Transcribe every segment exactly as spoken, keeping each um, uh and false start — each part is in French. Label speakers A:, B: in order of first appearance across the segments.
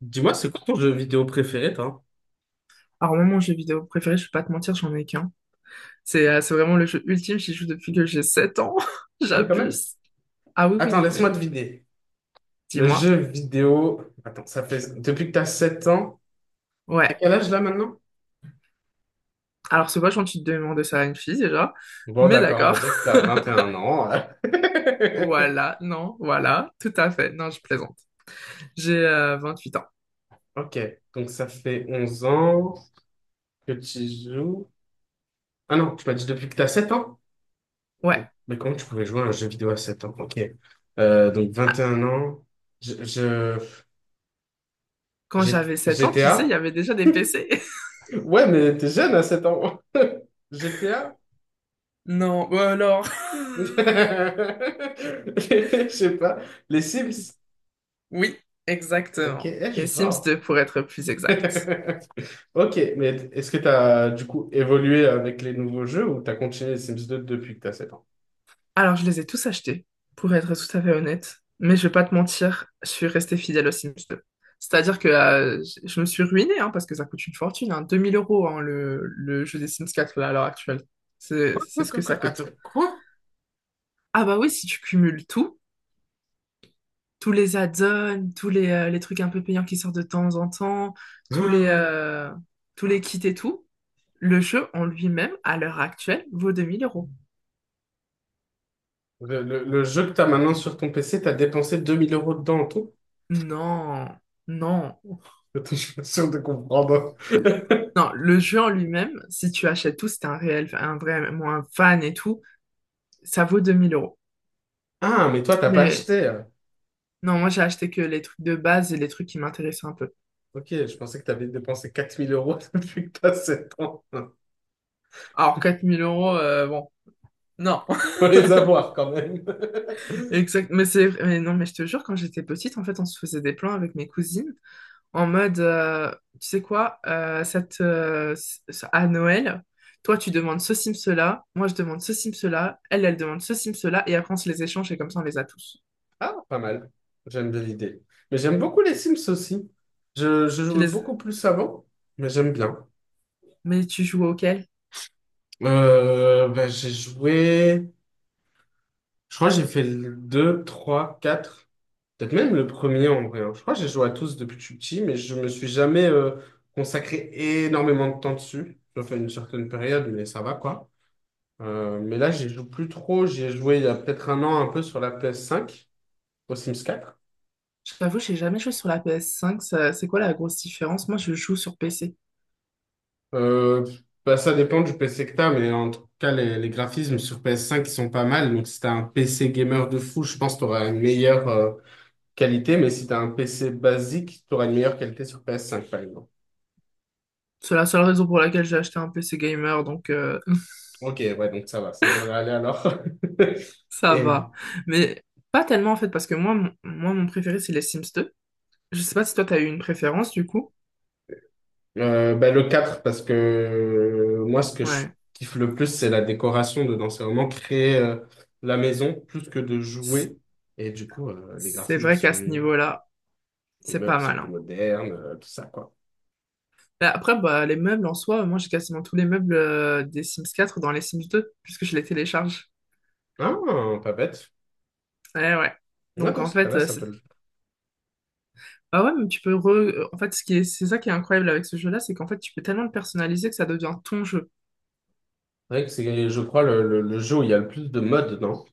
A: Dis-moi, c'est quoi ton jeu vidéo préféré, toi?
B: Alors, moi, mon jeu vidéo préféré, je vais pas te mentir, j'en ai qu'un. C'est euh, c'est vraiment le jeu ultime, j'y joue depuis que j'ai sept ans.
A: Ah oui, quand même.
B: J'abuse. Ah oui, oui,
A: Attends,
B: non,
A: laisse-moi
B: mais
A: deviner. Le
B: dis-moi.
A: jeu vidéo. Attends, ça fait. Depuis que t'as sept ans. T'as
B: Ouais.
A: quel âge là maintenant?
B: Alors, c'est vachement tu te demandes ça à une fille déjà.
A: Bon,
B: Mais
A: d'accord, on va
B: d'accord.
A: dire que t'as vingt et un ans.
B: Voilà, non, voilà, tout à fait. Non, je plaisante. J'ai euh, vingt-huit ans.
A: Ok, donc ça fait onze ans que tu joues. Ah non, tu m'as dit depuis que t'as sept ans?
B: Ouais.
A: Mais comment tu pouvais jouer à un jeu vidéo à sept ans? Ok. Euh, donc vingt et
B: Ah,
A: un ans. Je, je-
B: Quand
A: G-
B: j'avais sept ans, tu sais, il y
A: GTA?
B: avait déjà des P C.
A: Ouais, mais t'es jeune à sept ans. G T A?
B: Non, ou alors.
A: Je sais pas. Les Sims.
B: Oui,
A: Ok,
B: exactement.
A: eh, je
B: Les
A: suis
B: Sims
A: fort.
B: deux pour être plus exact.
A: Ok, mais est-ce que tu as du coup évolué avec les nouveaux jeux ou tu as continué les Sims deux depuis que tu as sept ans?
B: Alors, je les ai tous achetés, pour être tout à fait honnête. Mais je vais pas te mentir, je suis restée fidèle aux Sims deux. C'est-à-dire que euh, je je me suis ruinée, hein, parce que ça coûte une fortune, hein, deux mille euros, hein, le, le jeu des Sims quatre là, à l'heure actuelle. C'est
A: Quoi,
B: c'est ce que
A: quoi,
B: ça
A: quoi,
B: coûte.
A: attends, quoi?
B: Ah bah oui, si tu cumules tout, tous les add-ons, tous les, euh, les trucs un peu payants qui sortent de temps en temps, tous les,
A: Hum.
B: euh, tous les kits et tout, le jeu en lui-même, à l'heure actuelle, vaut deux mille euros.
A: Le, le- le jeu que tu as maintenant sur ton P C, tu as dépensé deux mille euros dedans en tout?
B: Non, non.
A: Attends, je suis pas sûr de comprendre.
B: Non, le jeu en lui-même, si tu achètes tout, si t'es un réel, un vrai, moi, un fan et tout, ça vaut deux mille euros.
A: Ah, mais toi, t'as pas
B: Mais
A: acheté. euh.
B: non, moi j'ai acheté que les trucs de base et les trucs qui m'intéressaient un peu.
A: Ok, je pensais que tu avais dépensé quatre mille euros depuis que tu as sept ans. Faut
B: Alors quatre mille euros, euh, bon, non.
A: les avoir quand même.
B: Exact, mais c'est, mais non, mais je te jure, quand j'étais petite, en fait, on se faisait des plans avec mes cousines en mode, euh, tu sais quoi, euh, cette, euh, ce- à Noël, toi tu demandes ce sim cela, moi je demande ce sim cela, elle, elle demande ce sim cela, et après on se les échange et comme ça on les a tous.
A: Ah, pas mal. J'aime bien l'idée. Mais j'aime beaucoup les Sims aussi. Je, je
B: Je
A: jouais
B: les...
A: beaucoup plus avant, mais j'aime bien.
B: Mais tu joues auquel?
A: Euh, ben, j'ai joué. Je crois que j'ai fait le deux, trois, quatre. Peut-être même le premier en vrai, hein. Je crois que j'ai joué à tous depuis que je suis petit, mais je me suis jamais euh, consacré énormément de temps dessus. J'ai fait une certaine période, mais ça va quoi. Euh, mais là, j'y joue plus trop. J'y ai joué il y a peut-être un an un peu sur la P S cinq au Sims quatre.
B: Je t'avoue, j'ai jamais joué sur la P S cinq. ça- C'est quoi la grosse différence? Moi, je joue sur P C.
A: Euh, bah, ça dépend du P C que t'as, mais en tout cas, les, les graphismes sur P S cinq, ils sont pas mal. Donc, si t'as un P C gamer de fou, je pense que t'auras une meilleure euh, qualité. Mais si t'as un P C basique, t'auras une meilleure qualité sur P S cinq, par exemple.
B: C'est la seule raison pour laquelle j'ai acheté un P C gamer, donc euh,
A: Ok, ouais, donc ça va, ça devrait aller alors.
B: ça
A: Et
B: va. Mais pas tellement en fait, parce que moi, mon, moi, mon préféré, c'est les Sims deux. Je sais pas si toi, t'as eu une préférence du coup.
A: euh, bah, le quatre parce que euh, moi, ce que je
B: Ouais.
A: kiffe le plus, c'est la décoration dedans. C'est vraiment créer euh, la maison plus que de
B: C-
A: jouer. Et du coup, euh, les
B: C'est
A: graphismes
B: vrai qu'à ce
A: sont.
B: niveau-là,
A: Les
B: c'est pas
A: meubles sont
B: mal,
A: plus
B: hein.
A: modernes, euh, tout ça, quoi.
B: Mais Après, bah, les meubles en soi, moi, j'ai quasiment tous les meubles euh, des Sims quatre dans les Sims deux puisque je les télécharge.
A: Ah, pas bête.
B: Ouais, ouais.
A: Ouais,
B: Donc
A: dans
B: en
A: ce
B: fait,
A: cas-là,
B: euh,
A: ça
B: c'est-
A: peut le faire.
B: ah ouais, mais tu peux re... En fait, ce qui est... c'est ça qui est incroyable avec ce jeu-là, c'est qu'en fait, tu peux tellement le personnaliser que ça devient ton jeu.
A: C'est vrai que c'est, je crois, le, le, le jeu où il y a le plus de modes, non?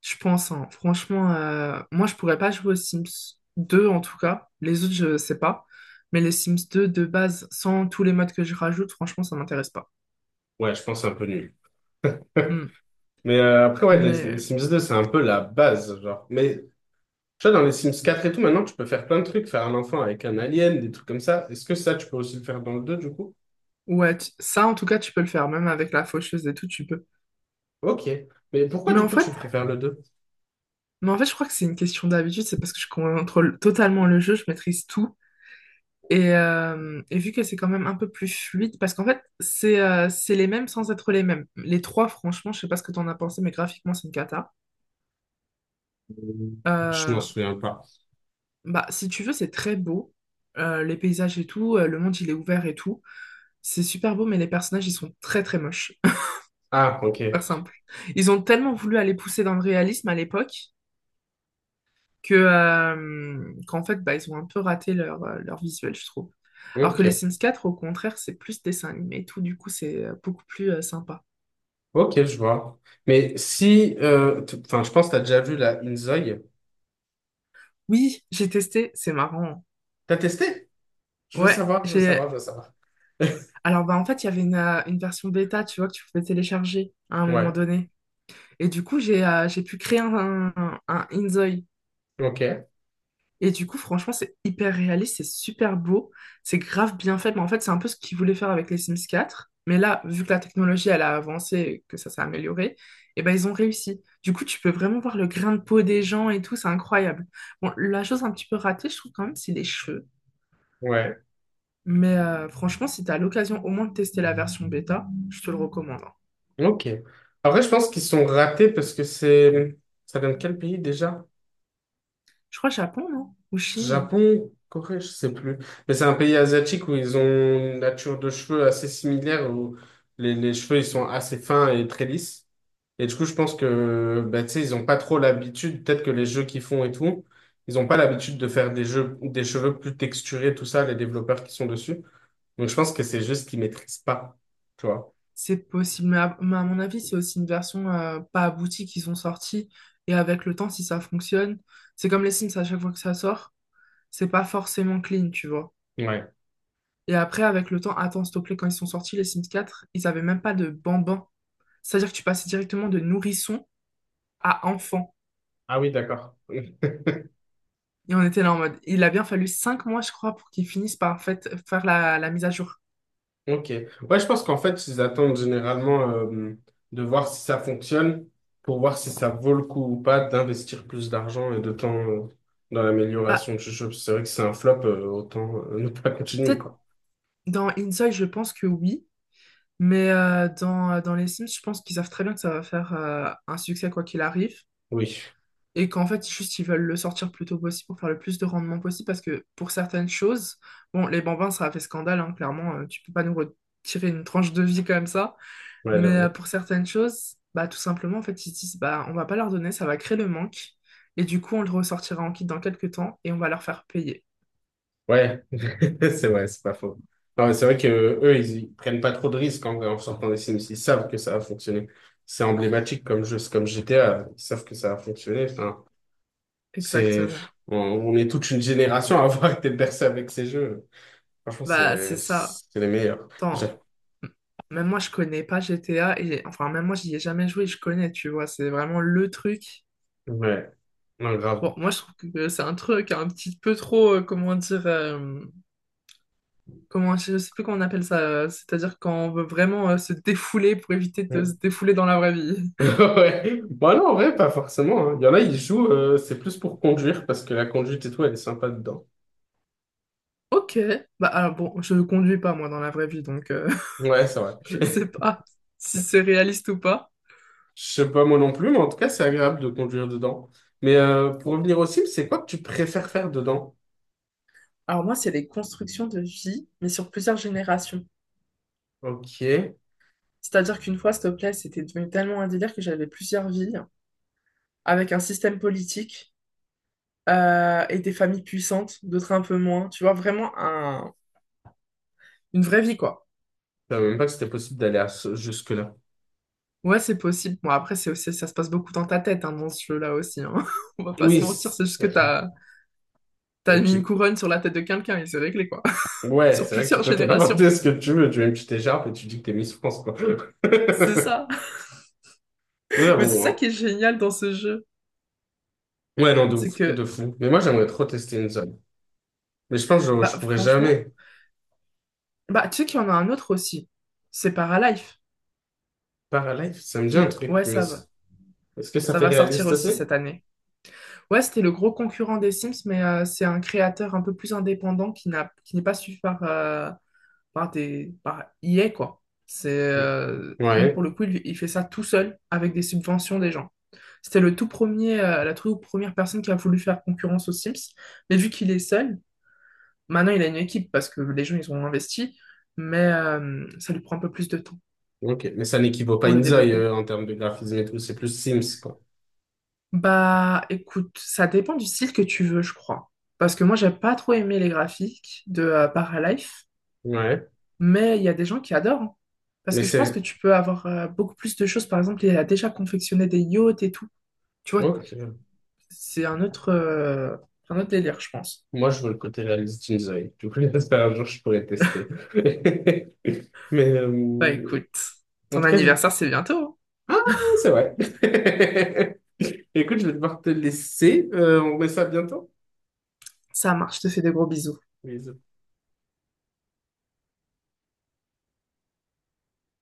B: Je pense, hein. Franchement, euh, moi, je pourrais pas jouer aux Sims deux, en tout cas. Les autres, je sais pas. Mais les Sims deux, de base, sans tous les modes que je rajoute, franchement, ça m'intéresse pas.
A: Ouais, je pense que c'est un peu nul.
B: Hmm.
A: Mais euh, après, ouais, les, les
B: Mais
A: Sims deux, c'est un peu la base, genre. Mais tu vois, dans les Sims quatre et tout, maintenant, tu peux faire plein de trucs, faire un enfant avec un alien, des trucs comme ça. Est-ce que ça, tu peux aussi le faire dans le deux, du coup?
B: ouais, tu- ça, en tout cas, tu peux le faire. Même avec la faucheuse et tout, tu peux.
A: Ok. Mais pourquoi,
B: Mais
A: du
B: en
A: coup,
B: fait,
A: tu préfères le deux?
B: mais en fait, je crois que c'est une question d'habitude. C'est parce que je contrôle totalement le jeu, je maîtrise tout. Et, euh, et vu que c'est quand même un peu plus fluide, parce qu'en fait, c'est euh, c'est les mêmes sans être les mêmes. Les trois, franchement, je sais pas ce que t'en as pensé, mais graphiquement, c'est une cata.
A: Je m'en
B: Euh,
A: souviens pas.
B: bah, si tu veux, c'est très beau. Euh, les paysages et tout, euh, le monde, il est ouvert et tout. C'est super beau, mais les personnages, ils sont très, très moches. Pour
A: Ah, ok.
B: Faire simple. Ils ont tellement voulu aller pousser dans le réalisme à l'époque que, euh, qu'en fait, bah, ils ont un peu raté leur, euh, leur visuel, je trouve. Alors que les
A: Ok.
B: Sims quatre, au contraire, c'est plus dessin animé et tout, du coup, c'est euh, beaucoup plus euh, sympa.
A: Ok, je vois. Mais si euh, t- enfin, je pense que tu as déjà vu la Inzoi.
B: Oui, j'ai testé, c'est marrant.
A: T'as testé? Je veux
B: Ouais,
A: savoir, je veux
B: j'ai.
A: savoir, je veux savoir.
B: Alors, bah, en fait, il y avait une, euh, une version bêta, tu vois, que tu pouvais télécharger à un moment
A: Ouais,
B: donné. Et du coup, j'ai euh, j'ai pu créer un, un, un Inzoi.
A: ok,
B: Et du coup, franchement, c'est hyper réaliste, c'est super beau, c'est grave bien fait. Mais en fait, c'est un peu ce qu'ils voulaient faire avec les Sims quatre. Mais là, vu que la technologie, elle a avancé, et que ça s'est amélioré, et ben, ils ont réussi. Du coup, tu peux vraiment voir le grain de peau des gens et tout, c'est incroyable. Bon, la chose un petit peu ratée, je trouve quand même, c'est les cheveux.
A: ouais,
B: Mais euh, franchement, si tu as l'occasion au moins de tester la version bêta, je te le recommande, hein.
A: ok. Après, je pense qu'ils sont ratés parce que c'est. Ça vient de quel pays déjà?
B: Je crois Japon, non? Ou Chine?
A: Japon, Corée, je sais plus. Mais c'est un pays asiatique où ils ont une nature de cheveux assez similaire, où les, les cheveux, ils sont assez fins et très lisses. Et du coup, je pense que, bah, tu sais, ils ont pas trop l'habitude, peut-être que les jeux qu'ils font et tout, ils ont pas l'habitude de faire des jeux, des cheveux plus texturés, tout ça, les développeurs qui sont dessus. Donc, je pense que c'est juste qu'ils maîtrisent pas, tu vois.
B: C'est possible. Mais à, mais à mon avis, c'est aussi une version euh, pas aboutie qu'ils ont sortie. Et avec le temps, si ça fonctionne, c'est comme les Sims à chaque fois que ça sort, c'est pas forcément clean, tu vois.
A: Ouais.
B: Et après, avec le temps, attends, s'il te plaît, quand ils sont sortis, les Sims quatre, ils avaient même pas de bambin. C'est-à-dire que tu passais directement de nourrisson à enfant.
A: Ah oui, d'accord.
B: Et on était là en mode, il a bien fallu cinq mois, je crois, pour qu'ils finissent par fait, faire la, la mise à jour.
A: Ok. Ouais, je pense qu'en fait, ils attendent généralement euh, de voir si ça fonctionne pour voir si ça vaut le coup ou pas d'investir plus d'argent et de temps euh, dans
B: Bah,
A: l'amélioration du jeu. C'est vrai que c'est un flop, euh, autant euh, ne pas continuer,
B: peut-être
A: quoi.
B: dans Inside, je pense que oui, mais euh, dans, euh, dans les Sims, je pense qu'ils savent très bien que ça va faire euh, un succès quoi qu'il arrive,
A: Oui,
B: et qu'en fait, juste, ils veulent le sortir le plus tôt possible pour faire le plus de rendement possible, parce que pour certaines choses, bon, les bambins, ça a fait scandale, hein, clairement, euh, tu peux pas nous retirer une tranche de vie comme ça,
A: ouais,
B: mais euh,
A: j'avoue.
B: pour certaines choses, bah, tout simplement, en fait, ils se disent, bah, on va pas leur donner, ça va créer le manque, et du coup, on le ressortira en kit dans quelques temps, et on va leur faire payer.
A: Ouais, c'est vrai, c'est pas faux. Non, mais c'est vrai que euh, eux, ils, ils prennent pas trop de risques en, en sortant des Sims. Ils savent que ça va fonctionner. C'est emblématique comme jeu, c'est comme G T A. Ils savent que ça va fonctionner. Enfin, C'est,
B: Exactement.
A: on, on est toute une génération à avoir été bercé avec ces jeux. Franchement,
B: Bah,
A: c'est,
B: c'est ça.
A: c'est les meilleurs. J'a-
B: Attends, m- même moi je connais pas G T A et enfin même moi j'y ai jamais joué, je connais, tu vois, c'est vraiment le truc.
A: Ouais, non, grave.
B: Bon, moi je trouve que c'est un truc un petit peu trop, euh, comment dire, euh, comment je sais plus comment on appelle ça, euh, c'est-à-dire quand on veut vraiment euh, se défouler pour éviter de se défouler dans la vraie vie.
A: Ouais. Bah non, en vrai, pas forcément, hein. Il y en a, ils jouent, euh, c'est plus pour conduire parce que la conduite et tout, elle est sympa dedans.
B: Ok, bah alors bon, je ne conduis pas moi dans la vraie vie, donc euh,
A: Ouais, c'est vrai.
B: je sais pas si c'est réaliste ou pas.
A: Je sais pas moi non plus, mais en tout cas, c'est agréable de conduire dedans. Mais euh, pour
B: Bon,
A: revenir au cible, c'est quoi que tu préfères faire dedans?
B: alors moi c'est des constructions de vie, mais sur plusieurs générations.
A: Ok. Je
B: C'est-à-dire qu'une fois, s'il te plaît, c'était devenu tellement un délire que j'avais plusieurs vies avec un système politique euh, et des familles puissantes, d'autres un peu moins. Tu vois, vraiment un, une vraie vie, quoi.
A: savais même pas que c'était possible d'aller à ce- jusque-là.
B: Ouais, c'est possible. Bon, après, c'est aussi, ça se passe beaucoup dans ta tête, hein, dans ce jeu-là aussi, hein. On va pas
A: Oui.
B: se mentir, c'est juste
A: c'est-
B: que t'as, t'as
A: vrai que
B: mis une
A: tu
B: couronne sur la tête de quelqu'un et c'est réglé, quoi.
A: Ouais,
B: Sur
A: c'est vrai que tu
B: plusieurs
A: peux te
B: générations.
A: demander ce que tu veux. Tu mets une petite écharpe et tu dis que t'es Miss France, quoi.
B: C'est ça.
A: Ouais,
B: Mais c'est
A: bon,
B: ça qui
A: hein.
B: est génial dans ce jeu.
A: Ouais, non, de
B: C'est
A: ouf, de
B: que,
A: fou. Mais moi, j'aimerais trop tester une zone. Mais je pense que je, je
B: bah,
A: pourrais
B: franchement,
A: jamais.
B: bah, tu sais qu'il y en a un autre aussi. C'est Paralife.
A: Paralife, ça me dit un
B: Qui...
A: truc,
B: Ouais,
A: mais
B: ça
A: c-
B: va.
A: est-ce que ça
B: Ça
A: fait
B: va sortir
A: réaliste aussi?
B: aussi cette année. Ouais, c'était le gros concurrent des Sims, mais euh, c'est un créateur un peu plus indépendant qui n'a, qui n'est pas suivi par, euh, par des, par E A, quoi. C'est,
A: Oui.
B: euh, lui,
A: Ouais,
B: pour le coup, il, il fait ça tout seul avec des subventions des gens. C'était le tout premier, euh, la toute première personne qui a voulu faire concurrence aux Sims. Mais vu qu'il est seul, maintenant il a une équipe parce que les gens, ils ont investi, mais euh, ça lui prend un peu plus de temps
A: ok. Mais ça n'équivaut pas à
B: pour le
A: une zone
B: développer.
A: euh, en termes de graphisme et tout. C'est plus Sims, quoi.
B: Bah, écoute, ça dépend du style que tu veux, je crois. Parce que moi, j'ai pas trop aimé les graphiques de euh, Paralife,
A: Ouais,
B: mais il y a des gens qui adorent, hein. Parce
A: mais
B: que je pense que
A: c'est.
B: tu peux avoir euh, beaucoup plus de choses. Par exemple, il a déjà confectionné des yachts et tout. Tu vois,
A: Ok.
B: c'est un autre, euh, un autre délire, je pense.
A: Moi, je veux le côté réaliste d'une zone. Du coup, j'espère un jour, je pourrais tester. Mais
B: Bah,
A: euh,
B: écoute,
A: en
B: ton
A: tout cas, je.
B: anniversaire, c'est bientôt, hein.
A: Ah, c'est vrai. Écoute, je vais devoir te laisser. Euh, on remet ça bientôt.
B: Ça marche, je te fais des gros bisous.
A: Bisous.